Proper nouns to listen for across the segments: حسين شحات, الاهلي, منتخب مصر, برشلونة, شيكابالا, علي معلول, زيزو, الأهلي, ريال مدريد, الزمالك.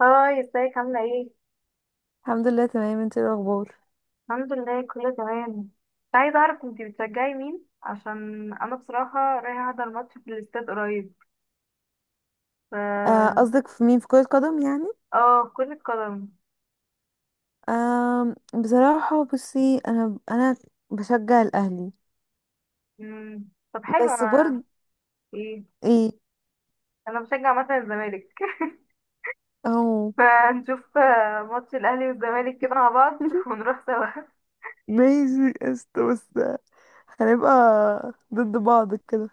هاي، ازيك عاملة ايه؟ الحمد لله تمام. انت ايه الاخبار؟ الحمد لله كله تمام. كنت عايزة اعرف انتي بتشجعي مين، عشان انا بصراحة رايحة احضر ماتش في الاستاد قريب. ف قصدك في مين، في كرة قدم يعني؟ اه، كرة قدم. آه، بصراحة بصي، انا بشجع الاهلي. مم. طب حلو. بس انا برضه ايه، ايه. انا بشجع مثلا الزمالك اهو. فنشوف ماتش الاهلي والزمالك كده مع بعض ونروح سوا. ماشي، قشطة. بس هنبقى ضد بعض كده.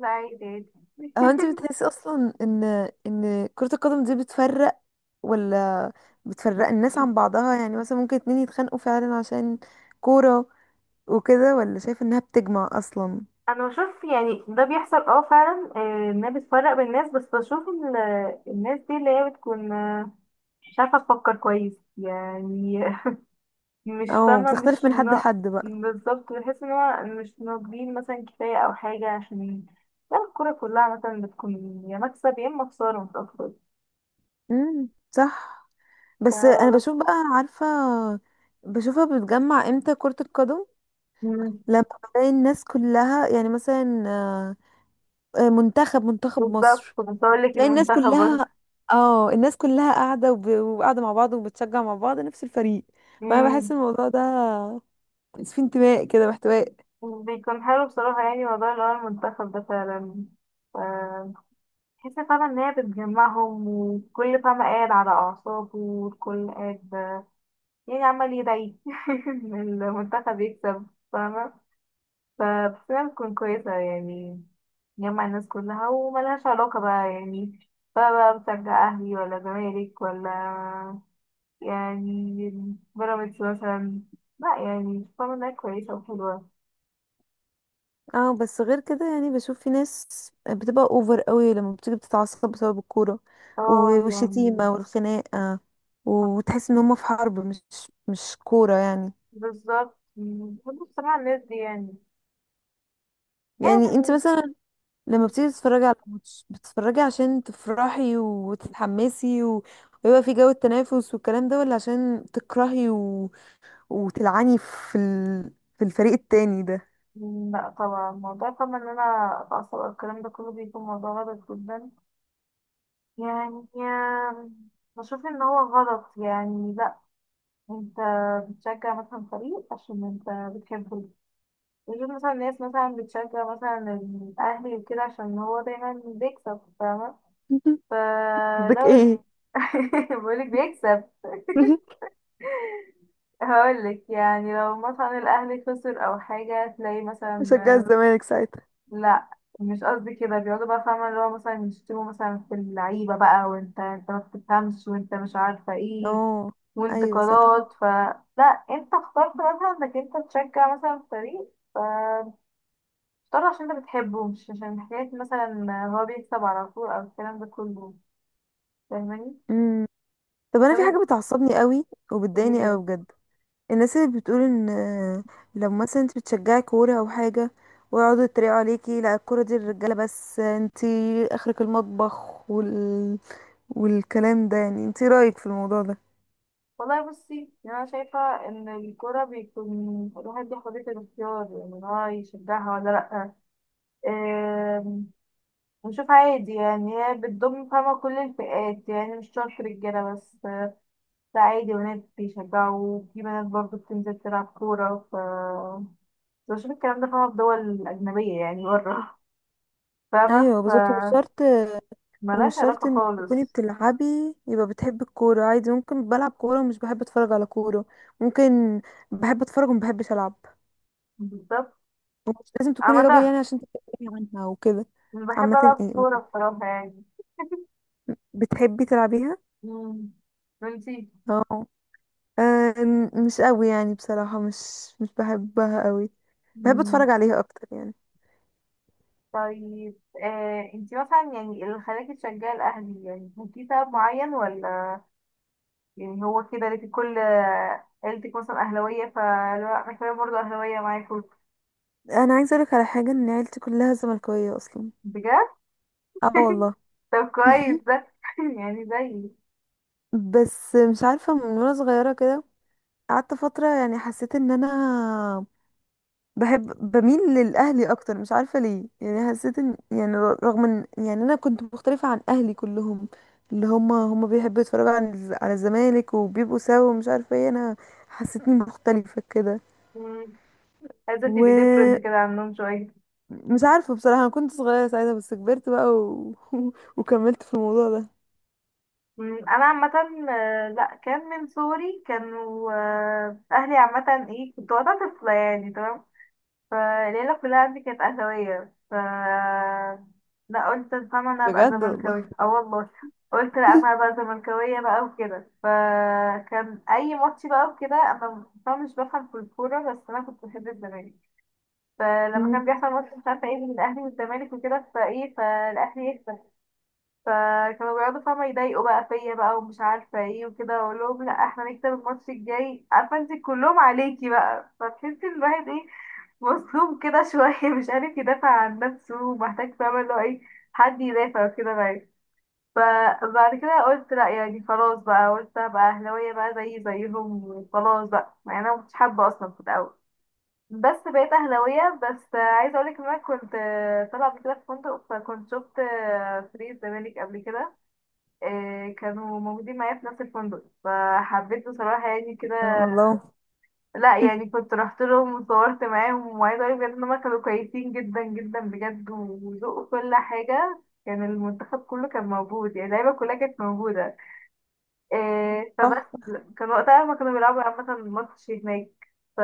لا، عادي عادي. هو انت بتحسي اصلا ان ان كرة القدم دي بتفرق، ولا بتفرق الناس عن بعضها؟ يعني مثلا ممكن اتنين يتخانقوا فعلا عشان كورة وكده، ولا شايف انها بتجمع اصلا، انا بشوف يعني ده بيحصل اه فعلا، انها بتفرق بين الناس، بس بشوف الناس دي اللي هي بتكون مش عارفة تفكر كويس يعني، مش او فاهمة، بتختلف مش من حد ن... لحد بقى؟ بالظبط. بحس ان هو مش ناضجين مثلا كفاية او حاجة، عشان لا الكورة كلها مثلا بتكون يا مكسب يا اما خسارة، مش اكتر. امم، صح. بس انا فبس. بشوف بقى، عارفه، بشوفها بتجمع امتى كره القدم؟ مم. لما بلاقي الناس كلها يعني مثلا منتخب منتخب بالظبط، مصر، كنت هقولك تلاقي الناس المنتخب برضه. كلها، اه الناس كلها قاعده وقاعده مع بعض وبتشجع مع بعض نفس الفريق. فانا بحس مم. الموضوع ده في انتماء كده واحتواء. بيكون حلو بصراحة، يعني موضوع اللي هو المنتخب ده فعلا. ف- بحس فعلا ان هي بتجمعهم، وكل فاهمة قاعد على اعصابه، والكل قاعد يعني عمال يدعي إن المنتخب يكسب. فاهمة؟ فبس، تكون كويسة يعني، جمع الناس كلها، وملهاش علاقة بقى يعني، بقى بشجع أهلي ولا زمالك ولا يعني بيراميدز مثلا. لا يعني، فاهمة إنها كويسة وحلوة. اه بس غير كده، يعني بشوف في ناس بتبقى اوفر قوي، لما بتيجي بتتعصب بسبب الكوره اه يعني. والشتيمه والخناقه، وتحس ان هما في حرب، مش كوره يعني. بالظبط. بحب بصراحة الناس دي يعني، يعني انت يعني. مثلا لما بتيجي تتفرجي على ماتش، بتتفرجي عشان تفرحي وتتحمسي ويبقى في جو التنافس والكلام ده، ولا عشان تكرهي وتلعني في في الفريق التاني ده؟ لا طبعا، موضوع فاهمة إن أنا أتعصب أو الكلام ده كله بيكون موضوع غلط جدا، يعني بشوف إن هو غلط يعني. لا، انت بتشجع مثلا فريق عشان انت بتحبه. وجود مثلا ناس مثلا بتشجع مثلا الاهلي وكده عشان هو دايما بيكسب، فاهمة؟ قصدك فلو... ايه؟ بقولك بيكسب هقولك يعني، لو مثلا الاهلي خسر او حاجة تلاقي بشجع مثلا... الزمالك ساعتها؟ لا، مش قصدي كده، بيقعدوا بقى فاهمة اللي هو مثلا يشتموا مثلا في اللعيبة بقى، وانت ما بتفهمش، وانت مش عارفة ايه، اه ايوه صح. وانتقادات. لا، انت اخترت مثلا انك انت تشجع مثلا فريق، فاختار عشان انت بتحبه، مش عشان حكاية مثلا هو بيكسب على طول او الكلام ده كله. فاهماني؟ طب انا طب في ايه؟ حاجه بتعصبني قوي وبتضايقني هي، قوي بجد، الناس اللي بتقول ان لو مثلا انت بتشجعي كوره او حاجه، ويقعدوا يتريقوا عليكي، لا الكوره دي للرجاله بس، انت اخرك المطبخ والكلام ده. يعني انت إيه رايك في الموضوع ده؟ والله بصي، يعني انا شايفة ان الكورة بيكون الواحد ليه حرية الاختيار، يعني ان هو يشجعها ولا لأ. بشوف عادي يعني، هي بتضم فاهمة كل الفئات يعني، مش شرط رجالة بس. لا عادي، بنات بيشجعوا، في بنات برضه بتنزل تلعب كورة. ف بشوف الكلام ده فاهمة في دول أجنبية يعني بره، فاهمة؟ ايوه ف بالظبط، مش شرط. ومش ملهاش علاقة شرط انك تكوني خالص. بتلعبي يبقى بتحبي الكوره، عادي. ممكن بلعب كوره ومش بحب اتفرج على كوره، ممكن بحب اتفرج ومبحبش العب. بالظبط. ومش لازم تكوني راجل عامة يعني عشان تتكلمي عنها وكده. بحب عامه ألعب ايه، كورة بصراحة يعني. بتحبي تلعبيها؟ مم. وانتي؟ اه. آه، مش قوي يعني، بصراحة مش بحبها قوي، بحب مم. اتفرج عليها اكتر يعني. طيب، آه انتي مثلا يعني اللي خلاكي تشجعي الأهلي، يعني كان في سبب معين، ولا يعني هو كده ليكي كل عيلتك مثلا أهلاوية، فلا أنا كمان برضه أهلاوية معاكوا. انا عايزة اقولك على حاجة، ان عيلتي كلها زملكاوية اصلا. بجد؟ اه والله. طب كويس ده يعني زيي. بس مش عارفة، من وانا صغيرة كده قعدت فترة، يعني حسيت ان انا بحب، بميل للاهلي اكتر، مش عارفه ليه. يعني حسيت ان يعني، رغم ان يعني انا كنت مختلفه عن اهلي كلهم، اللي هم بيحبوا يتفرجوا عن على الزمالك وبيبقوا سوا ومش عارفه ايه، انا حسيتني مختلفه كده. مم، عايزة تبقي different ومش كده عنهم شوية. عارفه بصراحه، انا كنت صغيره ساعتها، بس كبرت بقى وكملت في الموضوع ده. أنا عامة لأ، كان من صغري كانوا أهلي عامة. إيه، كنت وقتها طفلة يعني، تمام؟ فالعيلة كلها عندي كانت أهلاوية. ف لا، قلت فاهمة أنا هبقى بجد والله. زملكاوية. اه والله، قلت لا، أنا هبقى زملكاوية بقى وكده. فكان أي ماتش بقى وكده، أنا فاهمة مش بفهم في الكورة، بس أنا كنت بحب الزمالك. فلما مم. كان بيحصل ماتش مش عارفة ايه بين الأهلي والزمالك وكده، فايه، فالأهلي يكسب، فكانوا بيقعدوا فاهمة يضايقوا بقى فيا بقى، ومش عارفة ايه، وكده أقول لهم لا، احنا نكسب الماتش الجاي، عارفة انت كلهم عليكي بقى، فتحسي الواحد ايه، مظلوم كده شوية، مش عارف يدافع عن نفسه، ومحتاج فاهمة اللي هو ايه، حد يدافع وكده معاه. فبعد كده قلت لا يعني خلاص بقى، قلت ابقى اهلاوية بقى زي زيهم خلاص بقى، مع ان انا مكنتش حابة اصلا في الاول، بس بقيت اهلاوية. بس عايزة اقولك ان انا كنت طالعة قبل كده في فندق، فكنت شفت فريق الزمالك قبل كده. إيه، كانوا موجودين معايا في نفس الفندق، فحبيت بصراحة يعني كده، الله. لا يعني، كنت رحت لهم وصورت معاهم. وعايزة اقول بجد ان هما كانوا كويسين جدا جدا بجد، وذوقوا كل حاجة. كان المنتخب كله كان موجود، يعني اللعيبة كلها كانت موجودة. إيه فبس، صح. كان وقتها هما كانوا بيلعبوا عامة ماتش هناك. ف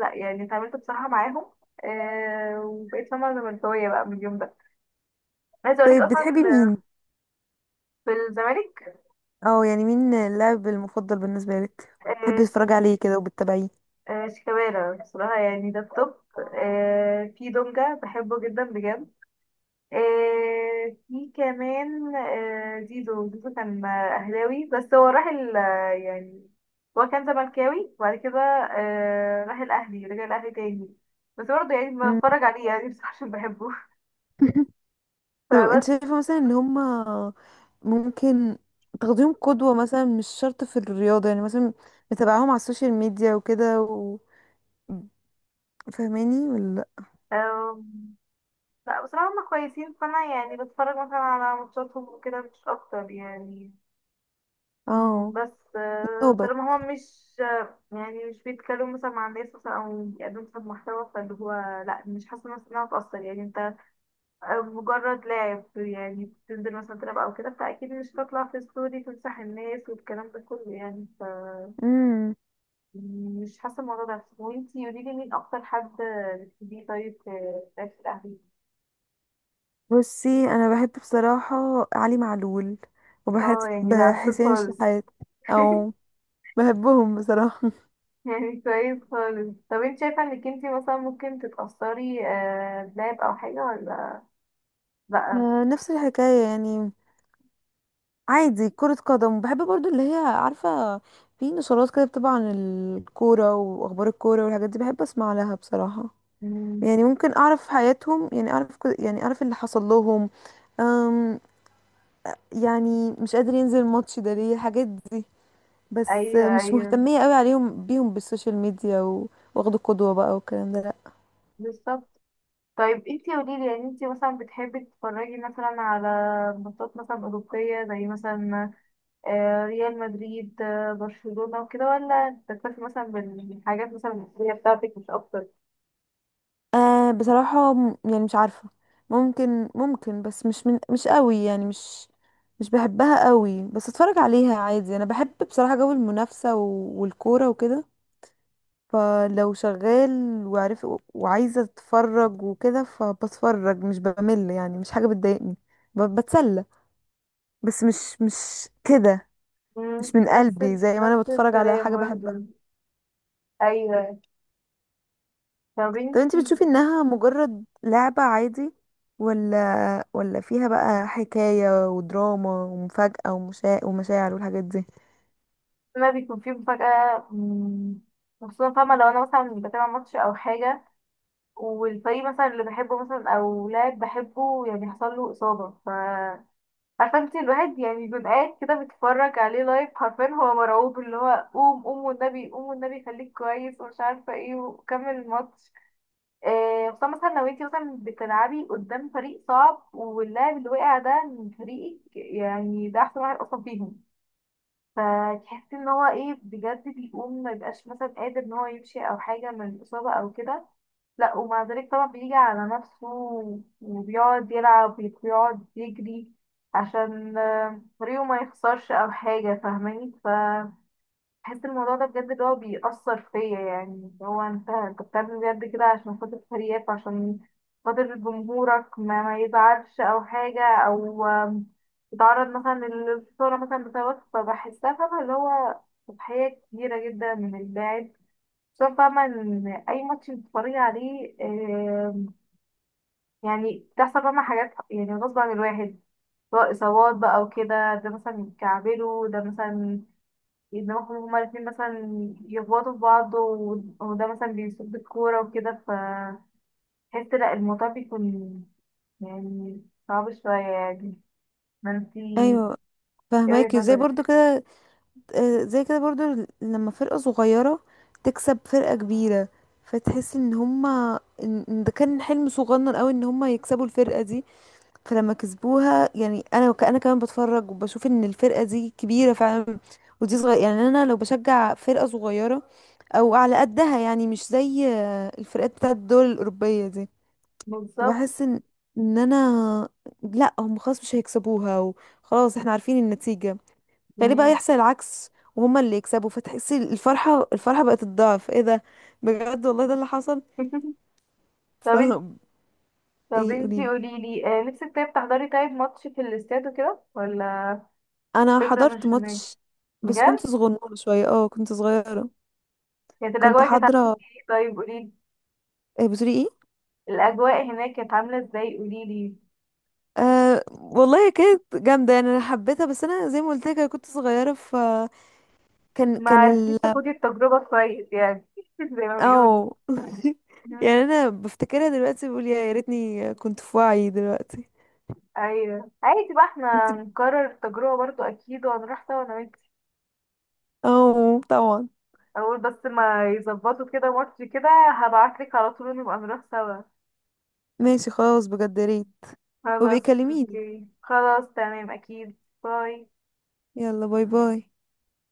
لا يعني اتعاملت بصراحة معاهم. إيه، وبقيت فاهمة زملكاوية بقى من اليوم ده. عايزة اقولك طيب اصلا. بتحبي مين؟ في الزمالك؟ اه يعني مين اللاعب المفضل بالنسبه لك إيه بتحبي ش- تتفرجي عليه كده وبتتابعيه؟ إيه، شيكابالا بصراحة يعني، ده التوب. أو. إيه، في دونجا بحبه جدا بجد. آه في كمان، آه زيزو. زيزو كان أهلاوي، بس هو راح يعني هو كان زملكاوي وبعد كده آه راح الأهلي، رجع الأهلي تاني. بس برضه يعني مم. بتفرج عليه يعني بصراحة عشان بحبه طب انت فبس. شايفة مثلا ان هما ممكن تاخديهم قدوة، مثلا مش شرط في الرياضة، يعني مثلا متابعاهم على السوشيال ميديا وكده فاهماني، ولا لأ؟ آم، لا بصراحة هما كويسين، فأنا يعني بتفرج مثلا على ماتشاتهم وكده، مش أكتر يعني. اه بس توبة. طالما هما مش يعني مش بيتكلموا مثلا مع الناس مثلا أو بيقدموا مثلا محتوى فاللي هو... لا، مش حاسة نفسي إنها هتأثر يعني، مجرد لعب يعني، بتنزل مثلا تلعب او كده، فاكيد مش هتطلع في ستوري تمسح الناس والكلام ده كله يعني. ف امم مش حاسه الموضوع ده. وانتي قولي لي مين اكتر حد بتحبيه، طيب في في الاهلي؟ بصي انا بحب بصراحة علي معلول، وبحب اه يعني ده عسول حسين خالص. شحات، او بحبهم بصراحة. يعني كويس خالص. طب انت شايفه انك انتي مثلا ممكن تتاثري بلعب او حاجه ولا لا؟ نفس الحكاية يعني. عادي، كرة قدم بحب برضو، اللي هي عارفة في نشرات كده بتبقى عن الكورة، وأخبار الكورة والحاجات دي، بحب أسمع لها بصراحة. مم. يعني ممكن أعرف حياتهم، يعني أعرف يعني أعرف اللي حصل لهم. أم يعني مش قادر ينزل الماتش ده ليه، الحاجات دي. بس ايوه مش ايوه، مهتمية قوي بيهم بالسوشيال ميديا واخدوا قدوة بقى والكلام ده. بالظبط. طيب انتي قوليلي، يعني انتي مثلا بتحبي تتفرجي مثلا على ماتشات مثلا أوروبية، زي مثلا ريال مدريد، برشلونة وكده، ولا بتكتفي مثلا بالحاجات مثلا المصرية بتاعتك مش أكتر؟ بصراحة يعني مش عارفة، ممكن بس مش من، مش قوي يعني، مش بحبها قوي، بس اتفرج عليها عادي. انا بحب بصراحة جو المنافسة والكورة وكده، فلو شغال وعارف وعايزة اتفرج وكده فبتفرج، مش بمل يعني، مش حاجة بتضايقني، بتسلى. بس مش مش كده، مم، مش من قلبي زي ما انا نفس بتفرج على الكلام حاجة بحبها. برضه. أيوه. طب طب انت انتي... بتشوفي انها مجرد لعبة عادي، ولا فيها بقى حكاية ودراما ومفاجأة ومشاعر والحاجات دي؟ ما بيكون في مفاجأة. خصوصا فاهمة لو أنا مثلا بتابع ماتش أو حاجة، والفريق مثلا اللي بحبه مثلا أو لاعب بحبه يعني حصل له إصابة، ف عارفه انت الواحد يعني بيبقى قاعد كده بيتفرج عليه لايف، حرفيا هو مرعوب اللي هو قوم قوم، والنبي قوم، والنبي خليك كويس، ومش عارفه ايه، وكمل الماتش. إيه، خصوصا مثلا لو انت مثلا بتلعبي قدام فريق صعب، واللاعب اللي وقع ده من فريقك، يعني ده احسن واحد اصلا فيهم، فتحسي ان هو ايه بجد، بيقوم ما يبقاش مثلا قادر ان هو يمشي او حاجه من الاصابه او كده. لا ومع ذلك طبعا بيجي على نفسه، وبيقعد يلعب وبيقعد يجري، عشان فريقه ما يخسرش او حاجه، فاهماني؟ فبحس الموضوع ده بجد اللي هو بيأثر فيا، يعني اللي هو انت انت بتعمل بجد كده عشان خاطر فريقك، عشان خاطر جمهورك ما يزعلش او حاجه، او يتعرض مثلا للخساره مثلا بسببك. فبحسها فاهمه اللي هو تضحيه كبيره جدا من اللاعب. شوف فاهمة، إن أي ماتش بتتفرجي عليه، يعني بتحصل فاهمة حاجات يعني غصب عن الواحد، سواء إصابات بقى وكده، ده مثلا يتكعبلوا، ده مثلا دماغهم هما الاتنين مثلا يخبطوا في بعض، وده مثلا بيصد الكورة وكده، فتحس لأ، الموضوع بيكون يعني صعب شوية يعني. ما انتي... ايوه ايه فهماكي، وجهة زي برضو نظرك؟ كده. زي كده برضو، لما فرقة صغيرة تكسب فرقة كبيرة، فتحسي ان هما ان إن ده كان حلم صغنن قوي ان هما يكسبوا الفرقة دي. فلما كسبوها يعني انا انا كمان بتفرج، وبشوف ان الفرقه دي كبيره فعلا ودي صغيره. يعني انا لو بشجع فرقه صغيره او على قدها، يعني مش زي الفرقات بتاعت الدول الاوروبيه دي، بالظبط. فبحس ان ان انا لا هم خلاص مش هيكسبوها وخلاص احنا عارفين النتيجه، فليه بقى مم. يحصل العكس وهما اللي يكسبوا؟ فتحسي الفرحه، الفرحه بقت الضعف، ايه ده! بجد والله ده اللي حصل. طب ف انت... طب ايه، انتي قوليلي. قوليلي نفسك طيب تحضري طيب ماتش في الاستاد وكده ولا؟ انا فكرة حضرت مش هناك. ماتش، بس كنت بجد؟ صغنونه شويه، اه كنت صغيره. كانت كنت الأجواء كانت عاملة حاضره. ايه؟ طيب قوليلي، بتقولي ايه؟ الأجواء هناك كانت عاملة ازاي؟ قوليلي. أه والله كانت جامده، يعني انا حبيتها، بس انا زي ما قلت لك أنا كنت صغيره. ف كان ما كان ال، عرفتيش تاخدي التجربة كويس يعني زي ما بيقولوا. اه. يعني مم. انا بفتكرها دلوقتي بقول يا ريتني كنت في وعي دلوقتي. أيوه، عادي بقى انت. احنا نكرر التجربة برضو أكيد، وهنروح سوا أنا وانتي. اه طبعا. أول بس ما يظبطوا كده ماتش كده، هبعتلك على طول، نبقى نروح سوا. ماشي خلاص، بجد يا ريت. خلاص. وبيكلميني. اوكي خلاص، تمام أكيد. باي. يلا باي باي.